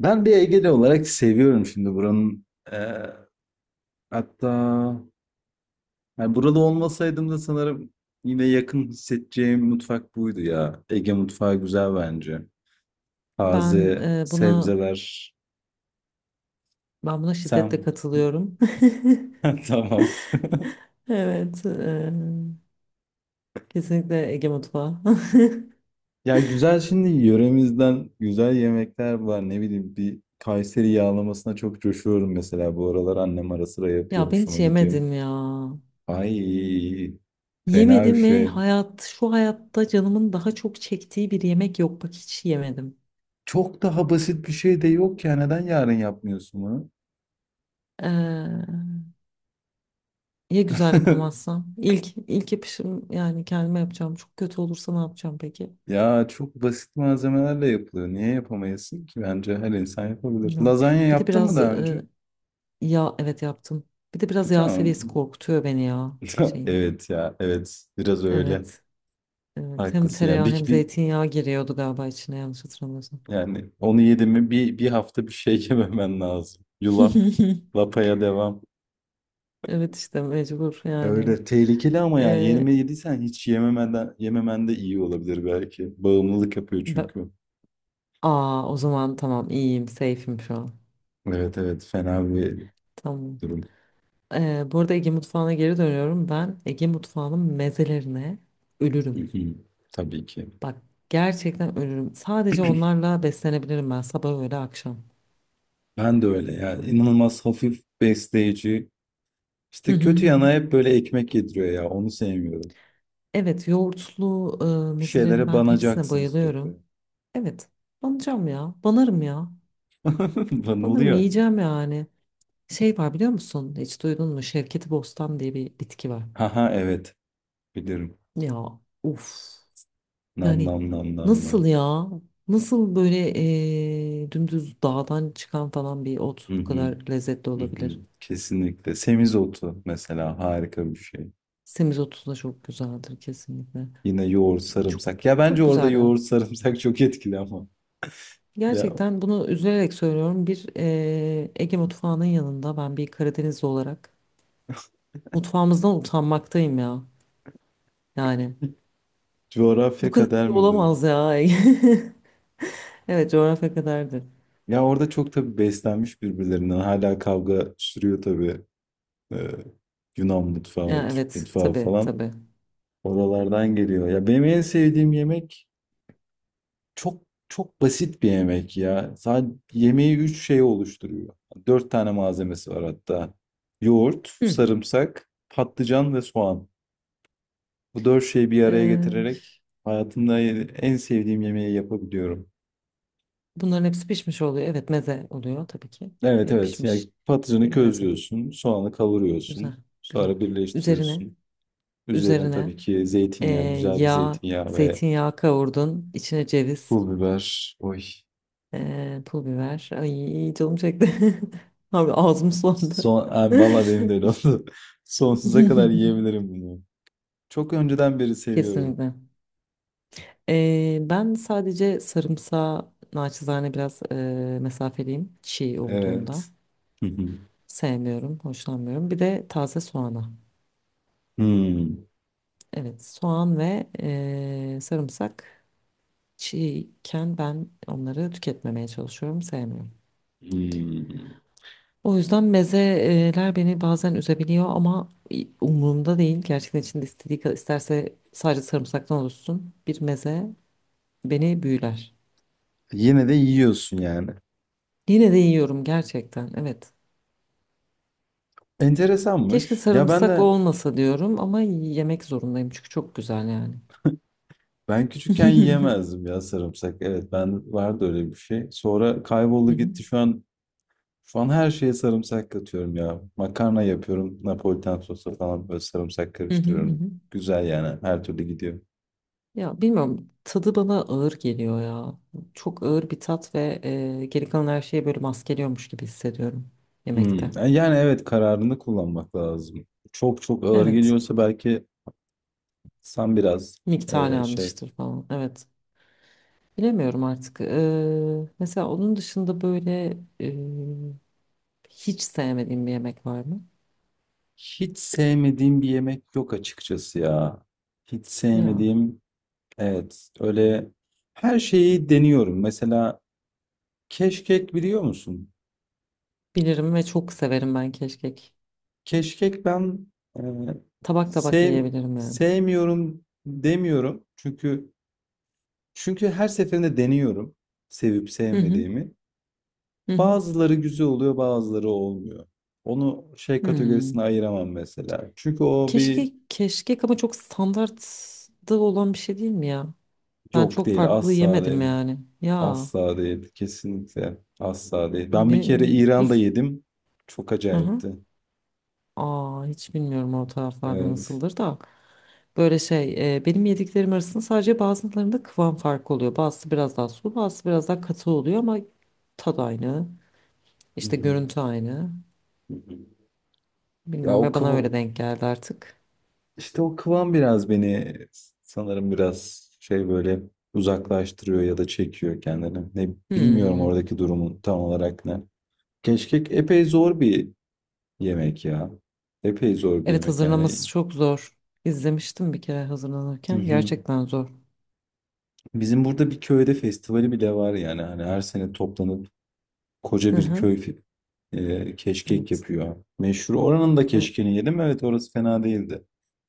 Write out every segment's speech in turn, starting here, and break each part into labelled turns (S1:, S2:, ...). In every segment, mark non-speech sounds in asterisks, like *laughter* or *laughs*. S1: Ben bir Egeli olarak seviyorum şimdi buranın. eee, hatta yani burada olmasaydım da sanırım yine yakın hissedeceğim mutfak buydu ya. Ege mutfağı güzel bence. Taze
S2: Buna
S1: sebzeler.
S2: buna şiddetle
S1: Sen
S2: katılıyorum. *laughs*
S1: *laughs* tamam.
S2: Evet, kesinlikle Ege mutfağı.
S1: Ya güzel şimdi yöremizden güzel yemekler var. Ne bileyim bir Kayseri yağlamasına çok coşuyorum mesela. Bu aralar annem ara sıra
S2: *laughs*
S1: yapıyor.
S2: Ya ben hiç
S1: Hoşuma gidiyor.
S2: yemedim ya.
S1: Ay fena bir
S2: Yemedim ve
S1: şey.
S2: hayat şu hayatta canımın daha çok çektiği bir yemek yok. Bak hiç yemedim.
S1: Çok daha basit bir şey de yok ya. Neden yarın yapmıyorsun bunu?
S2: Ee, ya güzel
S1: *laughs*
S2: yapamazsam? İlk yapışım yani kendime yapacağım. Çok kötü olursa ne yapacağım peki?
S1: Ya çok basit malzemelerle yapılıyor. Niye yapamayasın ki? Bence her insan yapabilir.
S2: Bilmiyorum.
S1: Lazanya
S2: Bir de
S1: yaptın mı
S2: biraz
S1: daha önce?
S2: yağ evet yaptım. Bir de biraz yağ seviyesi
S1: Tamam.
S2: korkutuyor beni ya
S1: *laughs*
S2: şeyin.
S1: Evet ya. Evet. Biraz öyle.
S2: Evet. Evet, hem
S1: Haklısın. Yani
S2: tereyağı hem
S1: bir
S2: zeytinyağı giriyordu galiba içine yanlış hatırlamıyorsam.
S1: yani onu yedim mi bir hafta bir şey *laughs* yememen lazım. Yulaf.
S2: *laughs*
S1: Lapaya devam.
S2: Evet işte mecbur yani.
S1: Öyle tehlikeli ama yani
S2: Ee,
S1: yenime yediysen hiç yememeden yememen de iyi olabilir belki. Bağımlılık yapıyor
S2: be-
S1: çünkü.
S2: Aa o zaman tamam iyiyim, safe'im şu an.
S1: Evet evet fena bir
S2: Tamam.
S1: durum.
S2: Bu arada Ege mutfağına geri dönüyorum. Ben Ege mutfağının mezelerine
S1: Hı
S2: ölürüm.
S1: hı. Tabii ki.
S2: Bak gerçekten ölürüm. Sadece
S1: *clears throat*
S2: onlarla beslenebilirim ben sabah öğle akşam.
S1: Ben de öyle ya. İnanılmaz hafif besleyici.
S2: Hı
S1: İşte
S2: hı
S1: kötü
S2: hı hı.
S1: yana hep böyle ekmek yediriyor ya. Onu sevmiyorum.
S2: Evet yoğurtlu
S1: Bir
S2: mezelerin
S1: şeylere
S2: ben hepsine
S1: banacaksın
S2: bayılıyorum.
S1: sürekli.
S2: Evet banacağım ya banarım ya.
S1: *laughs*
S2: Sanırım
S1: Banılıyor.
S2: yiyeceğim yani. Şey var biliyor musun? Hiç duydun mu? Şevketi Bostan diye bir bitki var.
S1: Haha evet. Bilirim.
S2: Ya uf.
S1: Nam
S2: Yani
S1: nam nam nam nam.
S2: nasıl ya? Nasıl böyle dümdüz dağdan çıkan falan bir ot
S1: Hı
S2: bu
S1: hı,
S2: kadar lezzetli
S1: hı hı.
S2: olabilir?
S1: Kesinlikle. Semizotu mesela harika bir şey.
S2: Semizotu da çok güzeldir kesinlikle.
S1: Yine yoğurt
S2: Çok
S1: sarımsak. Ya bence
S2: çok
S1: orada
S2: güzel ya.
S1: yoğurt sarımsak *laughs* çok etkili ama. Ya
S2: Gerçekten bunu üzülerek söylüyorum. Bir Ege mutfağının yanında ben bir Karadenizli olarak mutfağımızdan utanmaktayım ya. Yani
S1: *laughs*
S2: bu
S1: coğrafya
S2: kadar
S1: kader
S2: iyi
S1: midir?
S2: olamaz ya. *laughs* Evet, coğrafya kadardı.
S1: Ya orada çok tabii beslenmiş birbirlerinden. Hala kavga sürüyor tabii. Ee, Yunan mutfağı,
S2: Ya,
S1: Türk
S2: evet,
S1: mutfağı
S2: tabii
S1: falan.
S2: tabii.
S1: Oralardan geliyor. Ya benim en sevdiğim yemek çok çok basit bir yemek ya. Sadece yemeği üç şey oluşturuyor. Dört tane malzemesi var hatta. Yoğurt,
S2: Hı.
S1: sarımsak, patlıcan ve soğan. Bu dört şeyi bir araya
S2: Ee,
S1: getirerek hayatımda en sevdiğim yemeği yapabiliyorum.
S2: bunların hepsi pişmiş oluyor. Evet, meze oluyor tabii ki.
S1: Evet
S2: Ve
S1: evet. Yani
S2: pişmiş
S1: patlıcanı
S2: bir meze.
S1: közlüyorsun, soğanı kavuruyorsun,
S2: Güzel, güzel.
S1: sonra
S2: Üzerine,
S1: birleştiriyorsun. Üzerine
S2: üzerine
S1: tabii ki
S2: ee,
S1: zeytinyağı, güzel bir
S2: yağ,
S1: zeytinyağı ve
S2: zeytinyağı kavurdun. İçine ceviz,
S1: pul biber. Oy.
S2: pul biber. Ay canım çekti. *laughs* Abi ağzım sulandı.
S1: Son, abi valla benim de öyle oldu. *laughs* Sonsuza kadar
S2: *laughs*
S1: yiyebilirim bunu. Çok önceden beri seviyorum.
S2: Kesinlikle. Ben sadece sarımsağı naçizane biraz mesafeliyim çiğ olduğunda.
S1: Evet. Hı hı.
S2: Sevmiyorum, hoşlanmıyorum. Bir de taze soğana.
S1: Hmm.
S2: Evet, soğan ve sarımsak çiğken ben onları tüketmemeye çalışıyorum, sevmiyorum.
S1: Hmm.
S2: O yüzden mezeler beni bazen üzebiliyor ama umurumda değil. Gerçekten içinde istediği kadar isterse sadece sarımsaktan oluşsun. Bir meze beni büyüler.
S1: Yine de yiyorsun yani.
S2: Yine de yiyorum gerçekten, evet. Keşke
S1: Enteresanmış. Ya ben
S2: sarımsak
S1: de
S2: olmasa diyorum ama yemek zorundayım çünkü çok güzel yani.
S1: ben küçükken
S2: *laughs*
S1: yiyemezdim ya sarımsak. Evet ben vardı öyle bir şey. Sonra kayboldu
S2: Hı hı,
S1: gitti şu an. Şu an her şeye sarımsak katıyorum ya. Makarna yapıyorum. Napolitan sosu falan böyle sarımsak
S2: hı hı, hı
S1: karıştırıyorum.
S2: hı.
S1: Güzel yani. Her türlü gidiyor.
S2: Ya bilmiyorum tadı bana ağır geliyor ya. Çok ağır bir tat ve geri kalan her şeyi böyle maskeliyormuş gibi hissediyorum
S1: Hmm.
S2: yemekte.
S1: Yani evet kararını kullanmak lazım. Çok çok ağır
S2: Evet
S1: geliyorsa belki sen biraz
S2: miktar
S1: şey.
S2: yanlıştır falan evet. Bilemiyorum artık. Mesela onun dışında böyle hiç sevmediğim bir yemek var mı?
S1: Hiç sevmediğim bir yemek yok açıkçası ya. Hiç
S2: Ya
S1: sevmediğim evet öyle her şeyi deniyorum. Mesela keşkek biliyor musun?
S2: bilirim ve çok severim ben keşkek.
S1: Keşkek ben e,
S2: Tabak tabak
S1: sev,
S2: yiyebilirim yani.
S1: sevmiyorum demiyorum. Çünkü her seferinde deniyorum sevip
S2: Hı hı.
S1: sevmediğimi.
S2: Hı hı.
S1: Bazıları güzel oluyor, bazıları olmuyor. Onu şey
S2: Hmm.
S1: kategorisine ayıramam mesela. Çünkü o bir
S2: Keşke keşkek ama çok standartta olan bir şey değil mi ya? Ben
S1: yok
S2: çok
S1: değil,
S2: farklı
S1: asla
S2: yemedim
S1: değil.
S2: yani. Ya
S1: Asla değil, kesinlikle asla değil. Ben bir kere
S2: benim bu
S1: İran'da yedim. Çok
S2: hı hı.
S1: acayipti.
S2: Aa hiç bilmiyorum o taraflarda
S1: Evet.
S2: nasıldır da. Böyle şey benim yediklerim arasında sadece bazılarında kıvam farkı oluyor. Bazısı biraz daha sulu, bazısı biraz daha katı oluyor ama tad aynı.
S1: Hı
S2: İşte
S1: hı,
S2: görüntü aynı.
S1: hı hı. Ya
S2: Bilmiyorum
S1: o
S2: ya
S1: kıv,
S2: bana öyle denk geldi artık.
S1: İşte o kıvam biraz beni sanırım biraz şey böyle uzaklaştırıyor ya da çekiyor kendini. Ne bilmiyorum
S2: Hmm.
S1: oradaki durumun tam olarak ne. Keşkek epey zor bir yemek ya. Epey zor bir
S2: Evet
S1: yemek yani.
S2: hazırlaması çok zor. İzlemiştim bir kere
S1: Hı
S2: hazırlanırken.
S1: hı.
S2: Gerçekten zor.
S1: Bizim burada bir köyde festivali bile var yani. Hani her sene toplanıp koca
S2: Hı
S1: bir
S2: hı.
S1: keşkek
S2: Evet.
S1: yapıyor. Meşhur. Oranın da
S2: E,
S1: keşkeni yedim. Evet orası fena değildi.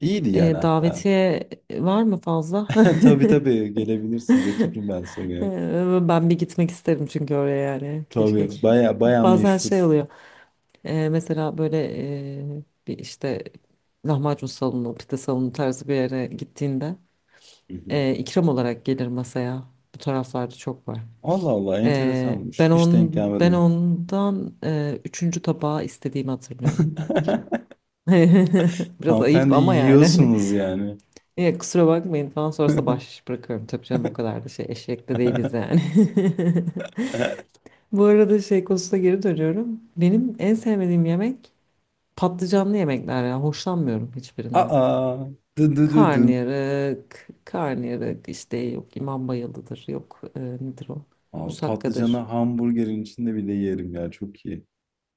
S1: İyiydi yani hatta.
S2: davetiye var mı fazla?
S1: *laughs* Tabii
S2: *laughs*
S1: tabii gelebilirsin. Götürürüm ben seni.
S2: Ben bir gitmek isterim çünkü oraya yani keşke ki.
S1: Tabii
S2: *laughs*
S1: baya baya
S2: Bazen şey
S1: meşhur.
S2: oluyor. Mesela böyle bir işte lahmacun salonu, pide salonu tarzı bir yere gittiğinde
S1: Hı hı.
S2: ikram olarak gelir masaya. Bu taraflarda çok var.
S1: Allah Allah enteresanmış.
S2: Ben
S1: Hiç
S2: on
S1: denk
S2: ben
S1: gelmedim.
S2: ondan üçüncü tabağı istediğimi hatırlıyorum. İkram.
S1: *laughs*
S2: *laughs* Biraz ayıp
S1: Hanımefendi
S2: ama yani hani
S1: yiyorsunuz yani.
S2: "Ya kusura bakmayın falan sonrasında
S1: *laughs*
S2: bahşiş bırakıyorum. Tabii canım o kadar da şey eşek de değiliz yani. *laughs* Bu arada şey konusuna geri dönüyorum. Benim en sevmediğim yemek patlıcanlı yemekler ya. Hoşlanmıyorum hiçbirinden.
S1: Aa, dı dı dı dın.
S2: Karnıyarık işte yok imam bayıldıdır yok nedir o?
S1: Abi patlıcanı
S2: Musakkadır.
S1: hamburgerin içinde bile yerim ya çok iyi.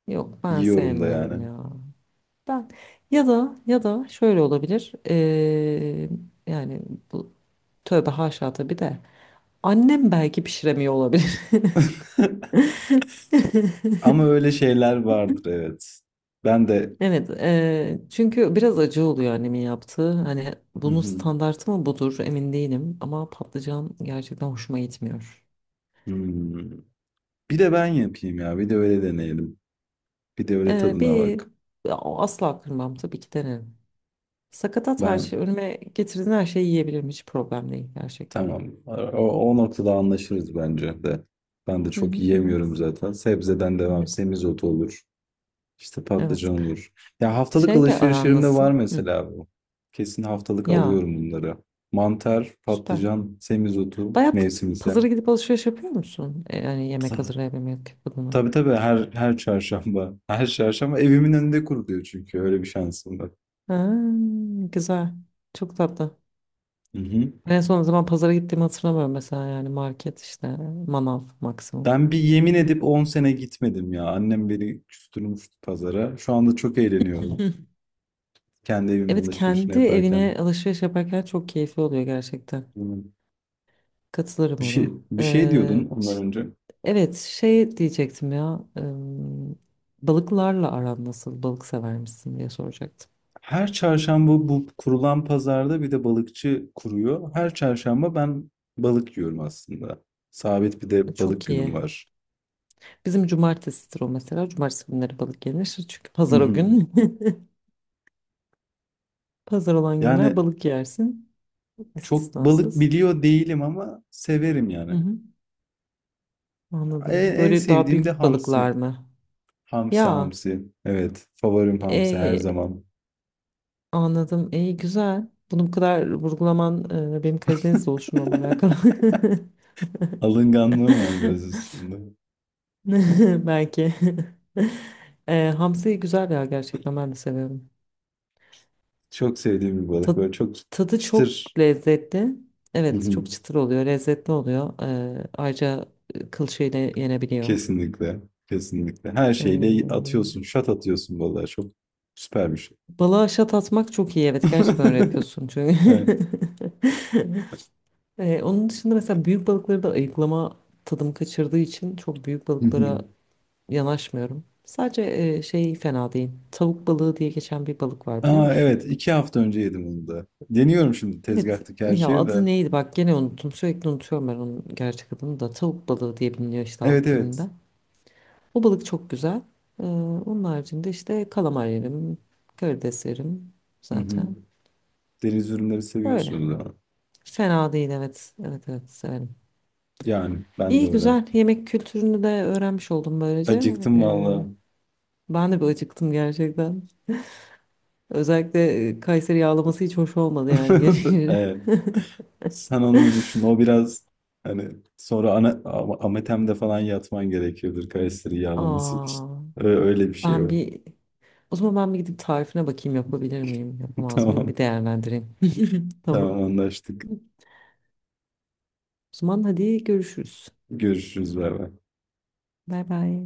S2: Yok ben
S1: Yiyorum da
S2: sevmiyorum
S1: yani.
S2: ya. Ben ya da şöyle olabilir. Yani bu tövbe haşa tabii de annem belki pişiremiyor olabilir.
S1: *laughs* Ama öyle şeyler vardır evet. Ben de.
S2: Evet, çünkü biraz acı oluyor annemin yaptığı. Hani
S1: Hı
S2: bunun
S1: hı.
S2: standartı mı budur emin değilim ama patlıcan gerçekten hoşuma gitmiyor.
S1: Hmm. Bir de ben yapayım ya. Bir de öyle deneyelim. Bir de öyle tadına
S2: Bir
S1: bak.
S2: Asla kırmam tabii ki denerim. Sakatat her
S1: Ben
S2: şey önüme getirdiğin her şeyi yiyebilirim hiç problem değil gerçekten.
S1: tamam. O noktada anlaşırız bence de. Ben de
S2: Hı hı
S1: çok
S2: hı. hı.
S1: yiyemiyorum zaten. Sebzeden devam.
S2: Evet,
S1: Semizotu olur. İşte
S2: evet.
S1: patlıcan olur. Ya haftalık
S2: Şeyle aran
S1: alışverişlerimde
S2: nasıl?
S1: var
S2: Hı.
S1: mesela bu. Kesin haftalık
S2: Ya
S1: alıyorum bunları. Mantar,
S2: süper.
S1: patlıcan, semizotu,
S2: Bayağı p-
S1: mevsimsel.
S2: Pazara gidip alışveriş yapıyor musun? Yani yemek
S1: Ta-
S2: hazırlayabilmek adına.
S1: Tabii tabii her çarşamba. Her çarşamba evimin önünde kuruluyor çünkü öyle bir şansım var.
S2: Ha, güzel. Çok tatlı.
S1: Hı hı.
S2: En son o zaman pazara gittiğimi hatırlamıyorum mesela yani market işte manav maksimum.
S1: Ben bir yemin edip 10 sene gitmedim ya. Annem beni küstürmüştü pazara. Şu anda çok eğleniyorum.
S2: *laughs*
S1: Kendi evimin
S2: Evet
S1: alışverişini
S2: kendi evine
S1: yaparken.
S2: alışveriş yaparken çok keyifli oluyor gerçekten.
S1: Hmm. Bir
S2: Katılırım
S1: şey,
S2: ona.
S1: bir şey diyordun ondan önce.
S2: Evet şey diyecektim ya balıklarla aran nasıl balık sever misin diye soracaktım.
S1: Her çarşamba bu kurulan pazarda bir de balıkçı kuruyor. Her çarşamba ben balık yiyorum aslında. Sabit bir de balık
S2: Çok
S1: günüm
S2: iyi.
S1: var.
S2: Bizim cumartesidir o mesela. Cumartesi günleri balık yenir. Çünkü
S1: Hı
S2: pazar o
S1: hı.
S2: gün. *laughs* Pazar olan günler
S1: Yani
S2: balık yersin.
S1: çok balık
S2: İstisnasız.
S1: biliyor değilim ama severim
S2: Hı
S1: yani.
S2: hı.
S1: En,
S2: Anladım.
S1: en
S2: Böyle daha
S1: sevdiğim de
S2: büyük balıklar
S1: hamsi.
S2: mı?
S1: Hamsi
S2: Ya
S1: hamsi. Evet, favorim hamsi her
S2: e,
S1: zaman.
S2: anladım. İyi güzel. Bunu bu kadar vurgulaman benim Karadeniz
S1: *laughs*
S2: oluşumla alakalı.
S1: Alınganlığım var biraz üstünde.
S2: *laughs* Belki. Hamsi güzel ya gerçekten ben de seviyorum.
S1: Çok sevdiğim bir balık.
S2: Ta-
S1: Böyle çok
S2: Tadı
S1: çıtır.
S2: çok lezzetli.
S1: Hı
S2: Evet
S1: hı.
S2: çok çıtır oluyor. Lezzetli oluyor. Ayrıca kılçığı ile yenebiliyor.
S1: Kesinlikle. Kesinlikle. Her şeyle
S2: E,
S1: atıyorsun. Şat atıyorsun vallahi. Çok süper bir şey.
S2: balığa şat atmak çok iyi. Evet gerçekten öyle
S1: *laughs*
S2: yapıyorsun çünkü.
S1: Evet.
S2: *laughs* Onun dışında mesela büyük balıkları da ayıklama tadım kaçırdığı için çok büyük
S1: Hı
S2: balıklara
S1: hı.
S2: yanaşmıyorum. Sadece şey fena değil. Tavuk balığı diye geçen bir balık var biliyor
S1: Aa
S2: musun?
S1: evet. 2 hafta önce yedim onu da. Deniyorum şimdi
S2: Evet
S1: tezgahtaki her
S2: ya
S1: şeyi de.
S2: adı neydi bak gene unuttum. Sürekli unutuyorum ben onun gerçek adını da. Tavuk balığı diye biliniyor işte
S1: Evet
S2: halk
S1: evet.
S2: dilinde. O balık çok güzel. Ee, onun haricinde işte kalamar yerim, karides yerim
S1: Hı hı.
S2: zaten.
S1: Deniz ürünleri
S2: Öyle.
S1: seviyorsunuz ama.
S2: Fena değil evet. Evet evet severim.
S1: Yani ben de
S2: İyi
S1: öyle.
S2: güzel yemek kültürünü de öğrenmiş oldum böylece.
S1: Acıktım vallahi.
S2: Ben de bir acıktım gerçekten. Özellikle Kayseri yağlaması hiç hoş olmadı yani *laughs*
S1: *laughs*
S2: gene.
S1: Evet. Sen onu bir düşün. O biraz hani sonra ana, ametemde falan yatman gerekiyordur Kayseri yağlaması için.
S2: Aa,
S1: Öyle bir şey
S2: ben
S1: var.
S2: bir o zaman ben bir gidip tarifine bakayım yapabilir miyim, yapamaz mıyım bir
S1: Tamam.
S2: değerlendireyim. *laughs* Tamam.
S1: Tamam anlaştık.
S2: O zaman hadi görüşürüz.
S1: Görüşürüz. Bay bay.
S2: Bay bay.